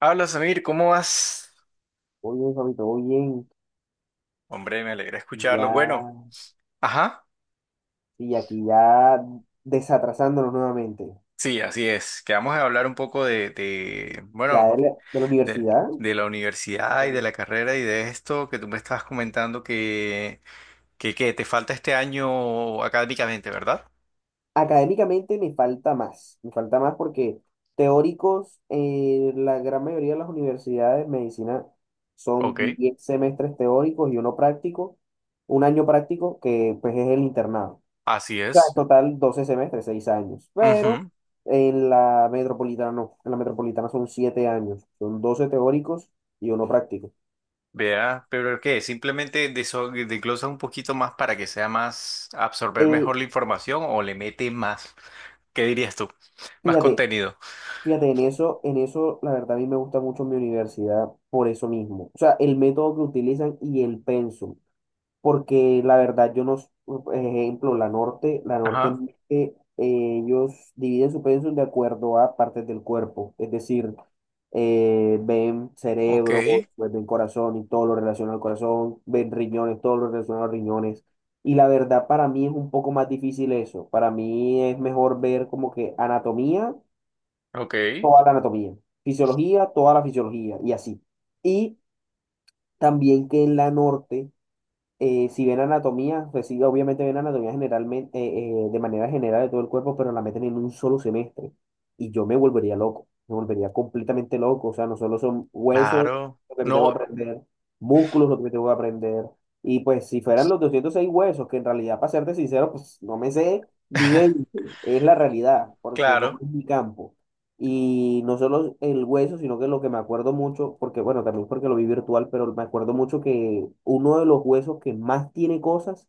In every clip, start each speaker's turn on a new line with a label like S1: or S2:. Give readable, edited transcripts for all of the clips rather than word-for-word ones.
S1: Habla Samir, ¿cómo vas?
S2: Muy bien, Fabito, muy bien.
S1: Hombre, me alegra
S2: Y Ya,
S1: escucharlo. Bueno, ajá,
S2: sí, y aquí ya desatrasándonos nuevamente.
S1: sí, así es. Que vamos a hablar un poco
S2: Ya
S1: bueno,
S2: de la, de la
S1: de,
S2: universidad,
S1: de la universidad y de la carrera y de esto que tú me estabas comentando que te falta este año académicamente, ¿verdad?
S2: Académicamente me falta más. Me falta más porque teóricos, la gran mayoría de las universidades de medicina son
S1: Ok,
S2: 10 semestres teóricos y uno práctico, un año práctico que pues es el internado.
S1: así
S2: Sea, en
S1: es.
S2: total 12 semestres, 6 años. Pero
S1: Ujú.
S2: en la metropolitana no. En la metropolitana son 7 años. Son 12 teóricos y uno práctico.
S1: Vea, pero ¿qué? Simplemente desglosa un poquito más para que sea más, absorber
S2: Eh,
S1: mejor la información o le mete más, ¿qué dirías tú? Más
S2: fíjate,
S1: contenido.
S2: fíjate, en eso, la verdad, a mí me gusta mucho mi universidad por eso mismo. O sea, el método que utilizan y el pensum. Porque la verdad yo no, s- por ejemplo, la norte, ellos dividen su pensum de acuerdo a partes del cuerpo, es decir, ven
S1: Ok,
S2: cerebro, pues, ven corazón y todo lo relacionado al corazón, ven riñones, todo lo relacionado a los riñones. Y la verdad para mí es un poco más difícil eso, para mí es mejor ver como que anatomía,
S1: ok,
S2: toda la anatomía, fisiología, toda la fisiología y así. Y también que en la norte si ven anatomía, pues sí, obviamente ven anatomía generalmente, de manera general de todo el cuerpo, pero la meten en un solo semestre. Y yo me volvería loco, me volvería completamente loco. O sea, no solo son huesos
S1: claro.
S2: lo que me tengo
S1: No,
S2: que aprender, músculos lo que me tengo que aprender. Y pues si fueran los 206 huesos, que en realidad, para serte sincero, pues no me sé ni 20, es la realidad, porque no
S1: claro.
S2: es mi campo. Y no solo el hueso, sino que lo que me acuerdo mucho, porque bueno, también porque lo vi virtual, pero me acuerdo mucho que uno de los huesos que más tiene cosas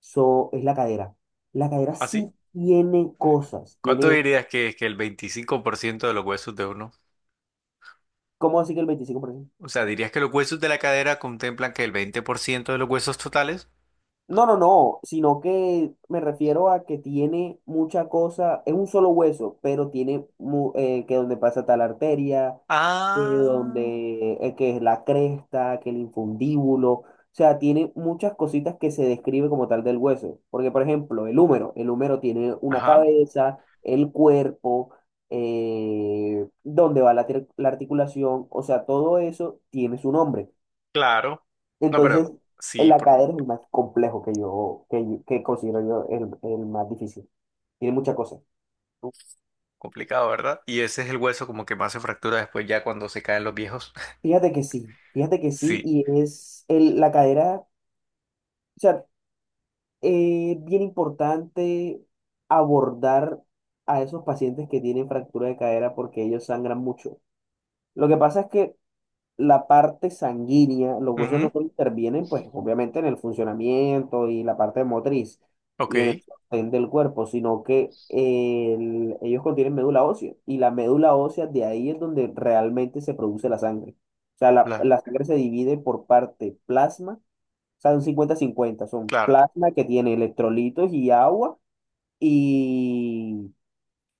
S2: so, es la cadera. La cadera
S1: ¿Así?
S2: sí tiene cosas,
S1: ¿Cuánto
S2: tiene,
S1: dirías que es que el 25% de los huesos de uno?
S2: ¿cómo así que el 25%?
S1: O sea, ¿dirías que los huesos de la cadera contemplan que el 20% de los huesos totales?
S2: No, no, no, sino que me refiero a que tiene mucha cosa, es un solo hueso, pero tiene que donde pasa tal arteria, que
S1: Ah,
S2: donde que es la cresta, que el infundíbulo, o sea, tiene muchas cositas que se describe como tal del hueso, porque por ejemplo, el húmero tiene una
S1: ajá,
S2: cabeza, el cuerpo, donde va la articulación, o sea, todo eso tiene su nombre.
S1: claro. No, pero
S2: Entonces,
S1: sí,
S2: el
S1: por-
S2: ACADER es el más complejo que considero yo el más difícil. Tiene muchas cosas.
S1: uf, complicado, ¿verdad? Y ese es el hueso como que más se fractura después ya cuando se caen los viejos.
S2: Fíjate que sí,
S1: Sí.
S2: y es la cadera, o sea, es bien importante abordar a esos pacientes que tienen fractura de cadera porque ellos sangran mucho. Lo que pasa es que la parte sanguínea, los huesos no
S1: Ujú.
S2: solo intervienen, pues obviamente en el funcionamiento y la parte motriz
S1: Ok,
S2: y en el sostén del cuerpo, sino que ellos contienen médula ósea y la médula ósea de ahí es donde realmente se produce la sangre. O sea,
S1: la,
S2: la sangre se divide por parte plasma, o sea, un cincuenta-cincuenta son
S1: claro,
S2: plasma que tiene electrolitos y agua y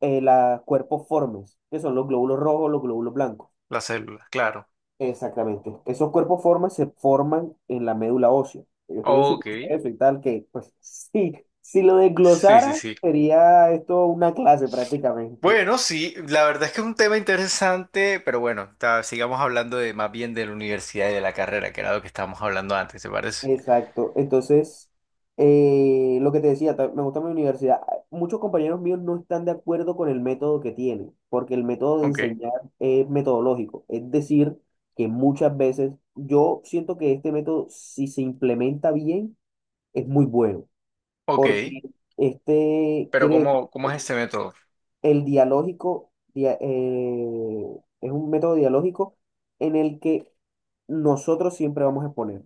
S2: los cuerpos formes, que son los glóbulos rojos, los glóbulos blancos.
S1: la célula, claro.
S2: Exactamente. Esos cuerpos formas se forman en la médula ósea. Ellos tienen su
S1: Ok,
S2: proceso y tal, que pues sí, si lo
S1: sí, sí,
S2: desglosara,
S1: sí.
S2: sería esto una clase prácticamente.
S1: Bueno, sí, la verdad es que es un tema interesante, pero bueno, sigamos hablando de más bien de la universidad y de la carrera, que era lo que estábamos hablando antes, ¿te parece?
S2: Exacto. Entonces, lo que te decía, me gusta mi universidad. Muchos compañeros míos no están de acuerdo con el método que tienen, porque el método de
S1: Ok.
S2: enseñar es metodológico. Es decir, que muchas veces yo siento que este método, si se implementa bien, es muy bueno.
S1: Ok,
S2: Porque este
S1: pero
S2: quiere decir
S1: cómo
S2: que
S1: es este método?
S2: es un método dialógico en el que nosotros siempre vamos a exponer,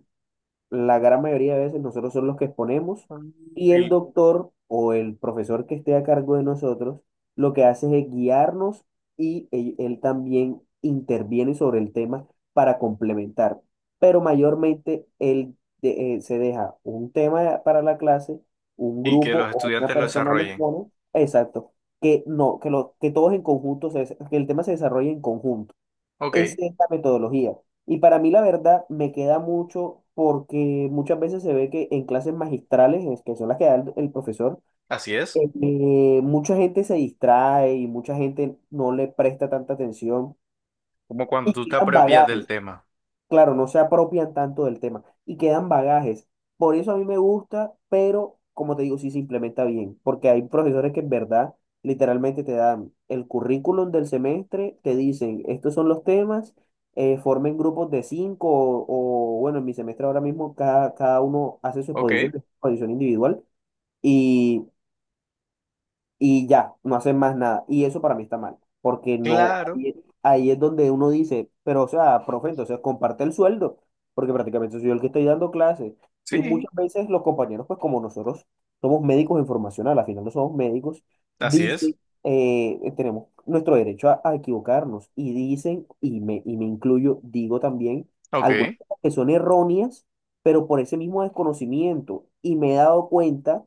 S2: la gran mayoría de veces nosotros somos los que exponemos,
S1: Mm.
S2: y el
S1: Y,
S2: doctor o el profesor que esté a cargo de nosotros lo que hace es guiarnos y él también interviene sobre el tema para complementar. Pero mayormente él se deja un tema para la clase, un
S1: y que
S2: grupo
S1: los
S2: o una
S1: estudiantes lo
S2: persona lo
S1: desarrollen.
S2: expone, exacto, que no, que, lo, que todos en conjunto, que el tema se desarrolle en conjunto. Esa
S1: Ok,
S2: es la metodología. Y para mí, la verdad, me queda mucho porque muchas veces se ve que en clases magistrales, es que son las que da el profesor,
S1: así es,
S2: mucha gente se distrae y mucha gente no le presta tanta atención
S1: como cuando
S2: y
S1: tú te
S2: quedan
S1: apropias del
S2: bagajes,
S1: tema.
S2: claro, no se apropian tanto del tema y quedan bagajes. Por eso a mí me gusta, pero como te digo, sí se implementa bien, porque hay profesores que en verdad literalmente te dan el currículum del semestre, te dicen, estos son los temas, formen grupos de cinco, o bueno, en mi semestre ahora mismo cada uno hace su
S1: Ok.
S2: exposición, exposición individual y ya, no hacen más nada. Y eso para mí está mal, porque no,
S1: Claro,
S2: ahí es donde uno dice, pero o sea, profe, entonces comparte el sueldo, porque prácticamente soy yo el que estoy dando clases. Y
S1: sí,
S2: muchas veces los compañeros, pues como nosotros somos médicos en formación, al final no somos médicos,
S1: así es.
S2: dicen, tenemos nuestro derecho a equivocarnos y dicen, y me incluyo, digo también,
S1: Ok,
S2: algunas cosas que son erróneas, pero por ese mismo desconocimiento. Y me he dado cuenta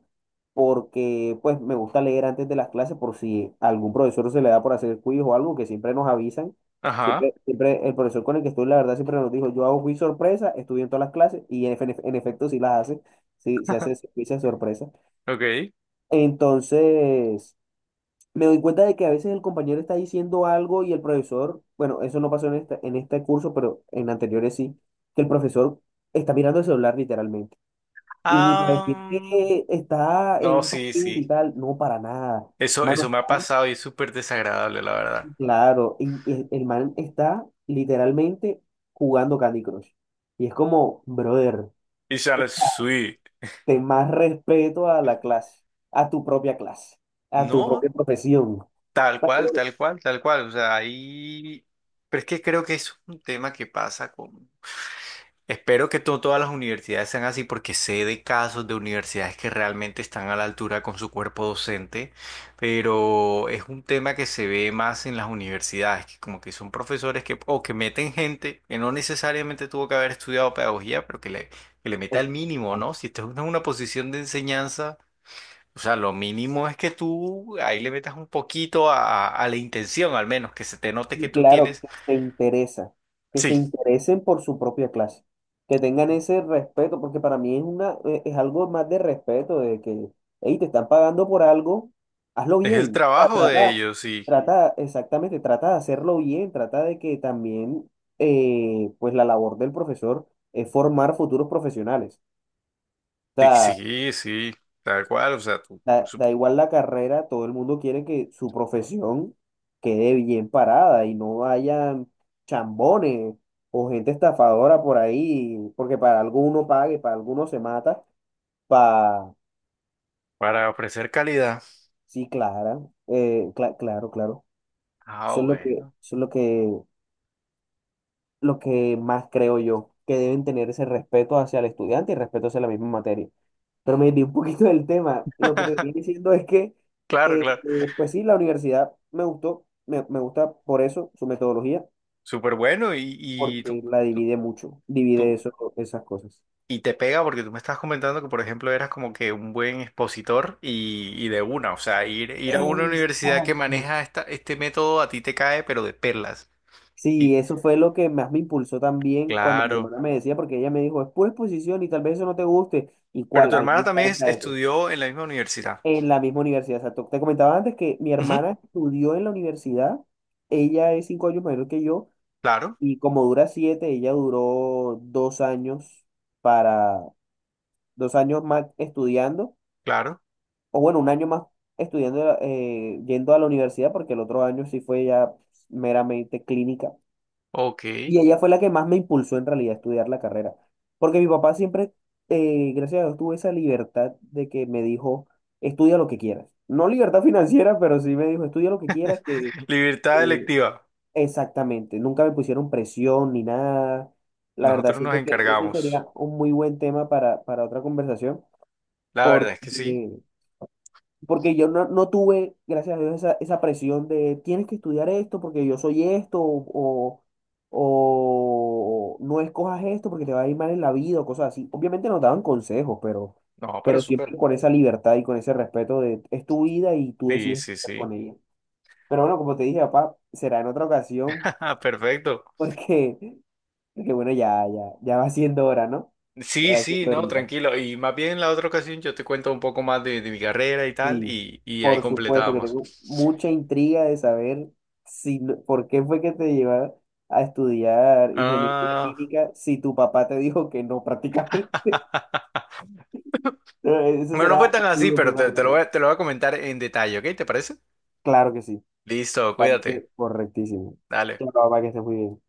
S2: porque pues me gusta leer antes de las clases por si a algún profesor se le da por hacer quiz o algo que siempre nos avisan.
S1: ajá,
S2: Siempre, siempre el profesor con el que estoy, la verdad, siempre nos dijo, yo hago quiz sorpresa, estudio en todas las clases y en efecto sí las hace, sí, sí hace quiz de sorpresa.
S1: ok.
S2: Entonces, me doy cuenta de que a veces el compañero está diciendo algo y el profesor, bueno, eso no pasó en en este curso, pero en anteriores sí, que el profesor está mirando el celular literalmente. Y ni para decir
S1: Ah,
S2: que está en
S1: no,
S2: un
S1: sí,
S2: partido y
S1: sí.
S2: tal, no, para nada.
S1: Eso,
S2: Mano,
S1: eso me ha
S2: está,
S1: pasado y es súper desagradable, la verdad.
S2: claro, y el man está literalmente jugando Candy Crush. Y es como, brother,
S1: Y sale sweet.
S2: ten más respeto a la clase, a tu propia clase, a tu
S1: No,
S2: propia profesión.
S1: tal cual, tal cual, tal cual. O sea, ahí... Pero es que creo que es un tema que pasa con... Espero que todas las universidades sean así porque sé de casos de universidades que realmente están a la altura con su cuerpo docente, pero es un tema que se ve más en las universidades, que como que son profesores que o que meten gente que no necesariamente tuvo que haber estudiado pedagogía, pero que le meta el mínimo, ¿no? Si estás en una posición de enseñanza. O sea, lo mínimo es que tú ahí le metas un poquito a la intención, al menos, que se te note que tú
S2: Claro,
S1: tienes.
S2: que se interesa, que se
S1: Sí,
S2: interesen por su propia clase, que tengan ese respeto, porque para mí es es algo más de respeto, de que, hey, te están pagando por algo, hazlo
S1: es el
S2: bien, o sea,
S1: trabajo de ellos, sí.
S2: exactamente, trata de hacerlo bien, trata de que también, pues la labor del profesor es formar futuros profesionales. O
S1: Sí,
S2: sea.
S1: sí, sí, tal cual, o sea,
S2: Da, da igual la carrera, todo el mundo quiere que su profesión quede bien parada y no hayan chambones o gente estafadora por ahí, porque para alguno pague, para alguno se mata, para...
S1: para ofrecer calidad.
S2: Sí, Clara, claro, claro.
S1: Ah,
S2: Eso es
S1: bueno.
S2: es lo que, lo que más creo yo, que deben tener ese respeto hacia el estudiante y respeto hacia la misma materia. Pero me di un poquito del tema. Lo que te estoy diciendo es que,
S1: Claro, claro.
S2: pues sí, la universidad me gusta por eso, su metodología,
S1: Súper bueno
S2: porque la
S1: tú,
S2: divide mucho, divide
S1: tú-
S2: eso, esas cosas.
S1: y te pega porque tú me estás comentando que, por ejemplo, eras como que un buen expositor y de una, o sea, ir a una universidad que
S2: Exacto.
S1: maneja este método a ti te cae, pero de perlas. Y
S2: Sí, eso fue lo que más me impulsó también cuando mi
S1: claro.
S2: hermana me decía, porque ella me dijo, es pura exposición y tal vez eso no te guste. ¿Y
S1: Pero
S2: cuál?
S1: tu
S2: A mí me
S1: hermana también
S2: encanta eso.
S1: estudió en la misma universidad.
S2: En la misma universidad. Exacto. Te comentaba antes que mi
S1: Ujú.
S2: hermana estudió en la universidad, ella es 5 años mayor que yo.
S1: Claro,
S2: Y como dura siete, ella duró para, dos años más estudiando,
S1: claro.
S2: o bueno, un año más estudiando, yendo a la universidad, porque el otro año sí fue ya meramente clínica.
S1: Ok.
S2: Y ella fue la que más me impulsó en realidad a estudiar la carrera, porque mi papá siempre, gracias a Dios, tuvo esa libertad de que me dijo, estudia lo que quieras. No libertad financiera, pero sí me dijo, estudia lo que quieras, que,
S1: Libertad electiva.
S2: exactamente, nunca me pusieron presión ni nada. La verdad,
S1: Nosotros nos
S2: siento que eso
S1: encargamos.
S2: sería un muy buen tema para otra conversación,
S1: La verdad es que sí.
S2: porque, porque yo no tuve, gracias a Dios, esa presión de tienes que estudiar esto porque yo soy esto, o no escojas esto porque te va a ir mal en la vida, o cosas así. Obviamente nos daban consejos,
S1: No, pero
S2: pero
S1: súper.
S2: siempre con esa libertad y con ese respeto de es tu vida y tú
S1: Sí,
S2: decides qué
S1: sí,
S2: hacer con
S1: sí.
S2: ella. Pero bueno, como te dije, papá, será en otra ocasión,
S1: Perfecto.
S2: porque. Porque bueno, ya va siendo hora, ¿no? Ya
S1: Sí,
S2: va
S1: sí,
S2: siendo
S1: no,
S2: horita.
S1: tranquilo. Y más bien en la otra ocasión yo te cuento un poco más de mi carrera y tal,
S2: Y
S1: y ahí
S2: por supuesto que
S1: completábamos.
S2: tengo mucha intriga de saber si, por qué fue que te llevaron a estudiar ingeniería
S1: Ah,
S2: química si tu papá te dijo que no prácticamente. Eso
S1: bueno, no fue
S2: será
S1: tan
S2: un
S1: así,
S2: muy buen
S1: pero
S2: tema de la otra.
S1: te lo voy a comentar en detalle, ¿ok? ¿Te parece?
S2: Claro que sí, me
S1: Listo, cuídate.
S2: parece correctísimo.
S1: Dale.
S2: Chao, papá, que estés muy bien.